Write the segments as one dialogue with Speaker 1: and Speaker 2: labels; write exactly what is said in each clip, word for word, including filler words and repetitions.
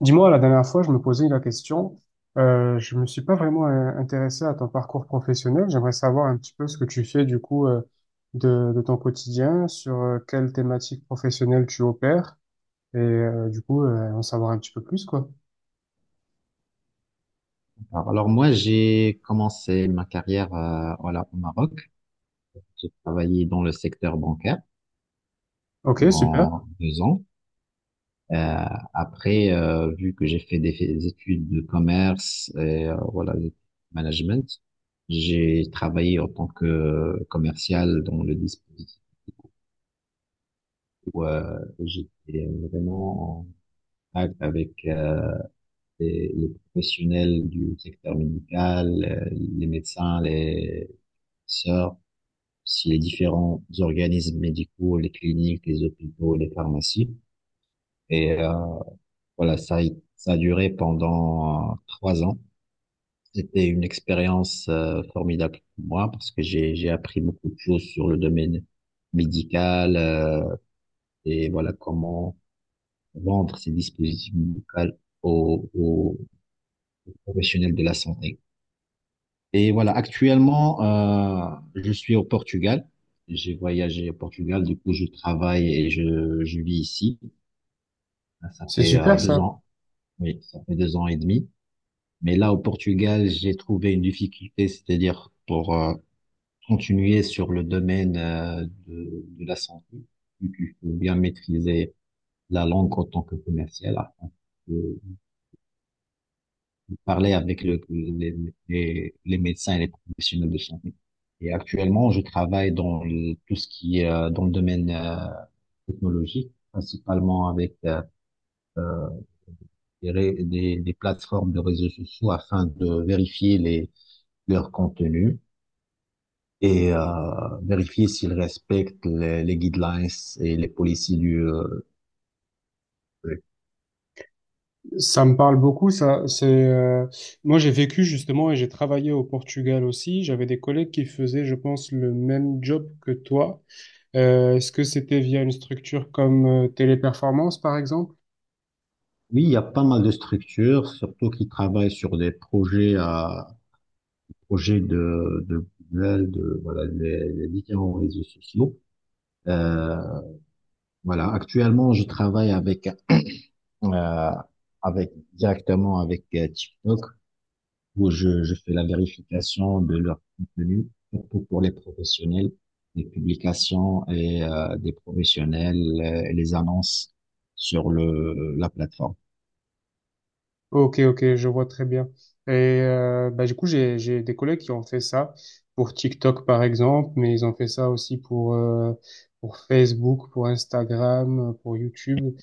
Speaker 1: Dis-moi, la dernière fois, je me posais la question. Euh, je me suis pas vraiment euh, intéressé à ton parcours professionnel. J'aimerais savoir un petit peu ce que tu fais du coup euh, de, de ton quotidien, sur euh, quelle thématique professionnelle tu opères, et euh, du coup euh, en savoir un petit peu plus quoi.
Speaker 2: Alors, alors moi, j'ai commencé ma carrière euh, voilà, au Maroc. J'ai travaillé dans le secteur bancaire
Speaker 1: Ok, super.
Speaker 2: pendant deux ans. Euh, après, euh, vu que j'ai fait des, des études de commerce et euh, voilà, de management, j'ai travaillé en tant que commercial dans le dispositif où euh, j'étais vraiment en contact avec euh, les, les professionnels du secteur médical, euh, les médecins, les sœurs. Si les différents organismes médicaux, les cliniques, les hôpitaux, les pharmacies. Et euh, voilà, ça, ça a duré pendant euh, trois ans. C'était une expérience euh, formidable pour moi parce que j'ai j'ai appris beaucoup de choses sur le domaine médical, euh, et voilà comment vendre ces dispositifs médicaux aux, aux professionnels de la santé. Et voilà, actuellement, euh, je suis au Portugal. J'ai voyagé au Portugal, du coup, je travaille et je, je vis ici. Ça
Speaker 1: C'est
Speaker 2: fait euh,
Speaker 1: super
Speaker 2: deux
Speaker 1: ça.
Speaker 2: ans, oui, ça fait deux ans et demi. Mais là, au Portugal, j'ai trouvé une difficulté, c'est-à-dire pour euh, continuer sur le domaine euh, de, de la santé, vu qu'il faut bien maîtriser la langue en tant que commercial, afin de parler avec le, les, les, les médecins et les professionnels de santé. Et actuellement, je travaille dans le- tout ce qui est euh, dans le domaine euh, technologique, principalement avec euh, euh, des, ré- des, des plateformes de réseaux sociaux afin de vérifier les, leur contenu et euh, vérifier s'ils respectent les, les guidelines et les policies du... euh,
Speaker 1: Ça me parle beaucoup. Ça, c'est euh, moi j'ai vécu justement et j'ai travaillé au Portugal aussi. J'avais des collègues qui faisaient, je pense, le même job que toi. Euh, est-ce que c'était via une structure comme euh, Téléperformance, par exemple?
Speaker 2: Oui, il y a pas mal de structures, surtout qui travaillent sur des projets euh, projets de, de Google, de voilà, les, les différents réseaux sociaux. Euh, voilà, actuellement, je travaille avec euh, avec directement avec euh, TikTok où je, je fais la vérification de leur contenu surtout pour les professionnels, les publications et euh, des professionnels euh, et les annonces sur le la plateforme.
Speaker 1: Ok, ok, je vois très bien. Et euh, bah, du coup, j'ai, j'ai des collègues qui ont fait ça pour TikTok, par exemple, mais ils ont fait ça aussi pour, euh, pour Facebook, pour Instagram, pour YouTube.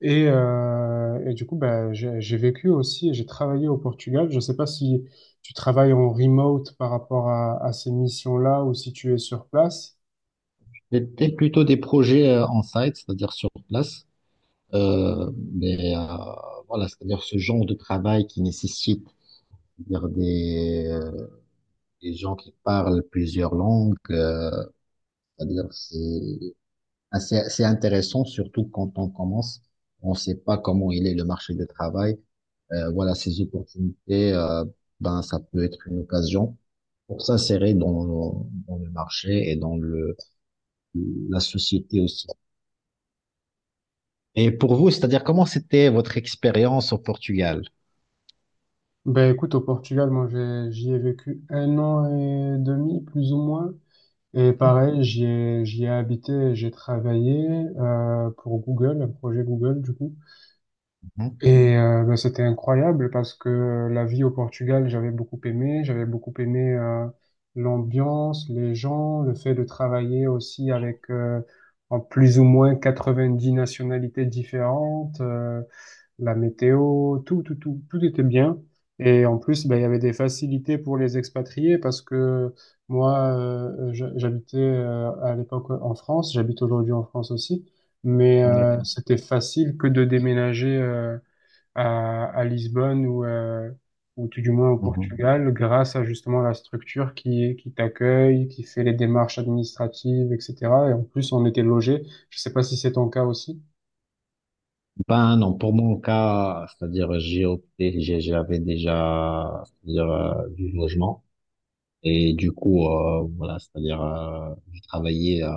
Speaker 1: Et, euh, et du coup, bah, j'ai, j'ai vécu aussi, et j'ai travaillé au Portugal. Je ne sais pas si tu travailles en remote par rapport à, à ces missions-là ou si tu es sur place.
Speaker 2: C'était plutôt des projets euh, en site, c'est-à-dire sur place. Euh, mais euh, voilà, c'est-à-dire ce genre de travail qui nécessite c'est-à-dire des, euh, des gens qui parlent plusieurs langues, euh, c'est-à-dire c'est assez, assez intéressant, surtout quand on commence, on ne sait pas comment il est le marché du travail. Euh, voilà, ces opportunités, euh, ben, ça peut être une occasion pour s'insérer dans, dans le marché et dans le, la société aussi. Et pour vous, c'est-à-dire comment c'était votre expérience au Portugal?
Speaker 1: Ben écoute, au Portugal, moi j'ai- j'y ai vécu un an et demi, plus ou moins. Et pareil, j'y ai, j'y ai habité, et j'ai travaillé euh, pour Google, un projet Google du coup.
Speaker 2: Mhm.
Speaker 1: Et euh, ben, c'était incroyable parce que la vie au Portugal, j'avais beaucoup aimé. J'avais beaucoup aimé euh, l'ambiance, les gens, le fait de travailler aussi avec euh, en plus ou moins quatre-vingt-dix nationalités différentes. Euh, la météo, tout, tout, tout, tout était bien. Et en plus, ben, il y avait des facilités pour les expatriés parce que moi, euh, je- j'habitais euh, à l'époque en France, j'habite aujourd'hui en France aussi, mais euh,
Speaker 2: D'accord.
Speaker 1: c'était facile que de déménager euh, à, à Lisbonne ou, euh, ou tout du moins au
Speaker 2: Mhm.
Speaker 1: Portugal grâce à justement la structure qui, qui t'accueille, qui fait les démarches administratives, et cetera. Et en plus, on était logé. Je sais pas si c'est ton cas aussi.
Speaker 2: Ben non, pour mon cas, c'est-à-dire j'ai opté, j'ai- j'avais déjà c'est-à-dire euh, du logement et du coup euh, voilà, c'est-à-dire euh, je travaillais euh,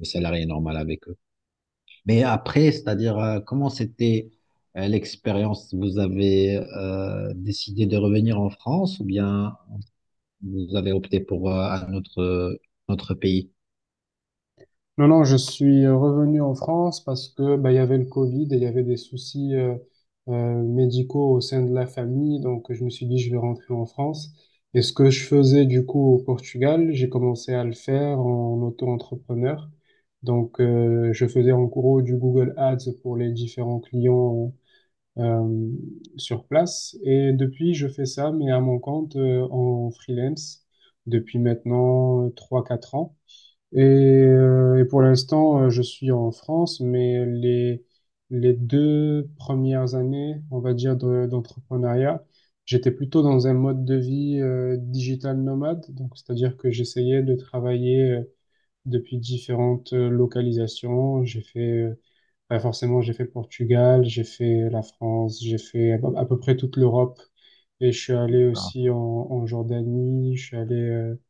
Speaker 2: le salarié normal avec eux. Mais après, c'est-à-dire euh, comment c'était euh, l'expérience? Vous avez euh, décidé de revenir en France ou bien vous avez opté pour euh, un autre notre pays?
Speaker 1: Non, non, je suis euh, revenu en France parce que bah, il y avait le Covid et il y avait des soucis euh, euh, médicaux au sein de la famille. Donc, je me suis dit, je vais rentrer en France. Et ce que je faisais du coup au Portugal, j'ai commencé à le faire en auto-entrepreneur. Donc, euh, je faisais en gros du Google Ads pour les différents clients euh, sur place. Et depuis, je fais ça, mais à mon compte euh, en freelance depuis maintenant euh, trois quatre ans. Et, euh, et pour l'instant, euh, je suis en France, mais les, les deux premières années, on va dire, de- d'entrepreneuriat, j'étais plutôt dans un mode de vie euh, digital nomade. Donc, c'est-à-dire que j'essayais de travailler euh, depuis différentes euh, localisations. J'ai fait, euh, bah, forcément, j'ai fait le Portugal, j'ai fait la France, j'ai fait à peu à peu près toute l'Europe. Et je suis allé
Speaker 2: Ah.
Speaker 1: aussi en, en Jordanie, je suis allé euh,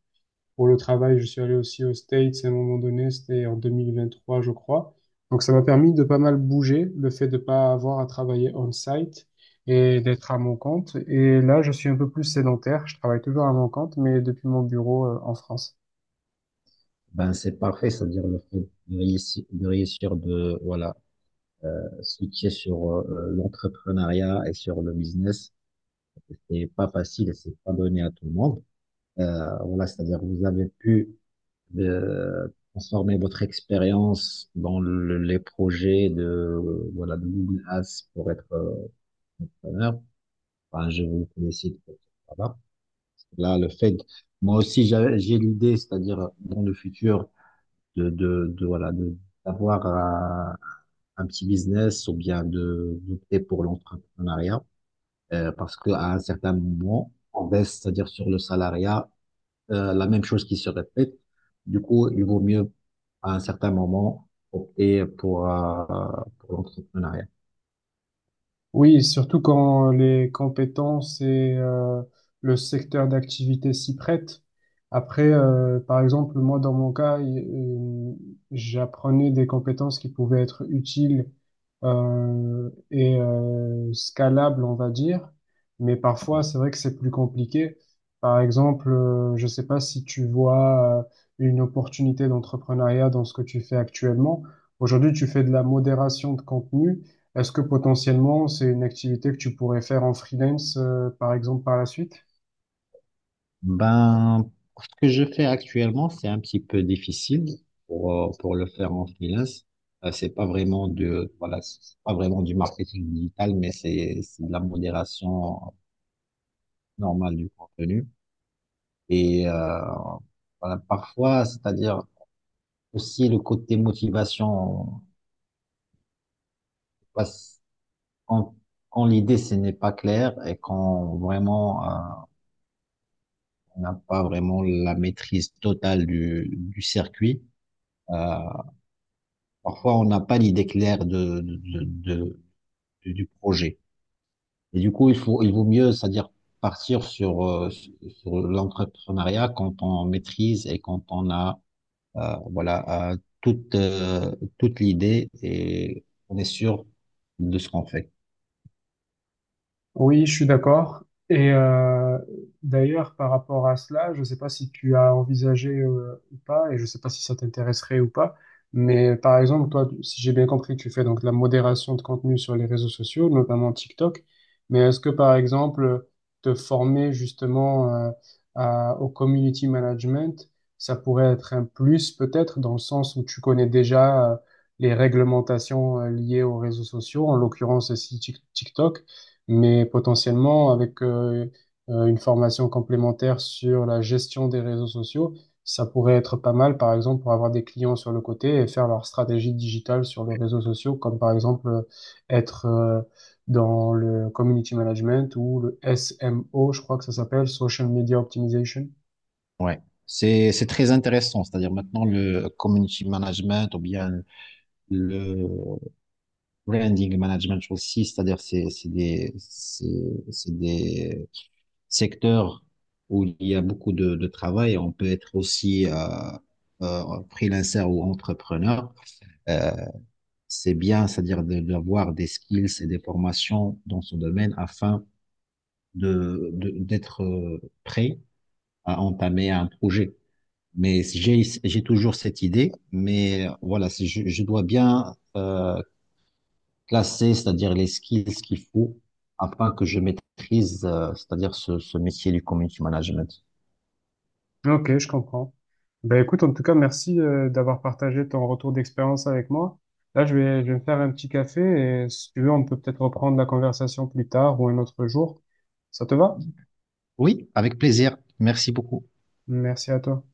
Speaker 1: pour le travail, je suis allé aussi aux States à un moment donné, c'était en deux mille vingt-trois, je crois. Donc ça m'a permis de pas mal bouger, le fait de pas avoir à travailler on-site et d'être à mon compte. Et là, je suis un peu plus sédentaire, je travaille toujours à mon compte, mais depuis mon bureau, euh, en France.
Speaker 2: Ben c'est parfait, c'est-à-dire le fait de réussir, de réussir de voilà. Euh, ce qui est sur euh, euh, l'entrepreneuriat et sur le business, c'est pas facile et c'est pas donné à tout le monde. Euh, voilà, c'est-à-dire vous avez pu euh, transformer votre expérience dans le- les projets de euh, voilà de Google Ads pour être euh, entrepreneur. Enfin, je vous félicite pour ce travail. Là, le fait, moi aussi j'a- j'ai l'idée, c'est-à-dire dans le futur de de, de voilà de d'avoir un, un petit business ou bien de d'opter pour l'entrepreneuriat. Euh, parce qu'à un certain moment, on baisse, c'est-à-dire sur le salariat, euh, la même chose qui se répète. Du coup, il vaut mieux, à un certain moment, opter pour, euh, pour l'entrepreneuriat.
Speaker 1: Oui, surtout quand les compétences et euh, le secteur d'activité s'y prêtent. Après, euh, par exemple, moi, dans mon cas, il- euh, j'apprenais des compétences qui pouvaient être utiles euh, et euh, scalables, on va dire. Mais parfois, c'est vrai que c'est plus compliqué. Par exemple, euh, je ne sais pas si tu vois euh, une opportunité d'entrepreneuriat dans ce que tu fais actuellement. Aujourd'hui, tu fais de la modération de contenu. Est-ce que potentiellement c'est une activité que tu pourrais faire en freelance, euh, par exemple, par la suite?
Speaker 2: Ben, ce que je fais actuellement, c'est un petit peu difficile pour, euh, pour le faire en freelance. Euh, c'est pas vraiment de, voilà, c'est pas vraiment du marketing digital, mais c'est, c'est de la modération normale du contenu. Et, euh, voilà, parfois, c'est-à-dire, aussi, le côté motivation, parce qu'en- quand, l'idée, ce n'est pas clair et quand vraiment, euh, on n'a pas vraiment la maîtrise totale du, du circuit, euh, parfois, on n'a pas l'idée claire de, de, de- de- du projet. Et du coup, il faut, il vaut mieux, c'est-à-dire partir sur, euh, sur l'entrepreneuriat quand on maîtrise et quand on a, euh, voilà, euh, toute, euh, toute l'idée et on est sûr de ce qu'on fait.
Speaker 1: Oui, je suis d'accord. Et euh, d'ailleurs, par rapport à cela, je ne sais pas si tu as envisagé euh, ou pas, et je ne sais pas si ça t'intéresserait ou pas, mais par exemple, toi, tu- si j'ai bien compris, tu fais donc de la modération de contenu sur les réseaux sociaux, notamment TikTok, mais est-ce que par exemple, te former justement euh, à- au community management, ça pourrait être un plus peut-être dans le sens où tu connais déjà euh, les réglementations euh, liées aux réseaux sociaux, en l'occurrence ici Tik- TikTok. Mais potentiellement, avec euh, euh, une formation complémentaire sur la gestion des réseaux sociaux, ça pourrait être pas mal, par exemple, pour avoir des clients sur le côté et faire leur stratégie digitale sur les réseaux sociaux, comme par exemple euh, être euh, dans le community management ou le S M O, je crois que ça s'appelle, Social Media Optimization.
Speaker 2: Ouais, c'est c'est très intéressant. C'est-à-dire maintenant le community management ou bien le branding management aussi, c'est-à-dire c'est c'est des c'est c'est des secteurs où il y a beaucoup de, de travail. On peut être aussi euh, euh, freelancer ou entrepreneur. Euh, c'est bien, c'est-à-dire de- d'avoir des skills et des formations dans ce domaine afin de de- d'être euh, prêt à entamer un projet. Mais j'ai j'ai toujours cette idée, mais voilà, c'est- je, je dois bien euh, classer, c'est-à-dire les skills qu'il faut afin que je maîtrise, euh, c'est-à-dire ce, ce métier du community management.
Speaker 1: Ok, je comprends. Ben écoute, en tout cas, merci euh, d'avoir partagé ton retour d'expérience avec moi. Là, je vais, je vais me faire un petit café et si tu veux, on peut peut-être reprendre la conversation plus tard ou un autre jour. Ça te va?
Speaker 2: Oui, avec plaisir. Merci beaucoup.
Speaker 1: Merci à toi.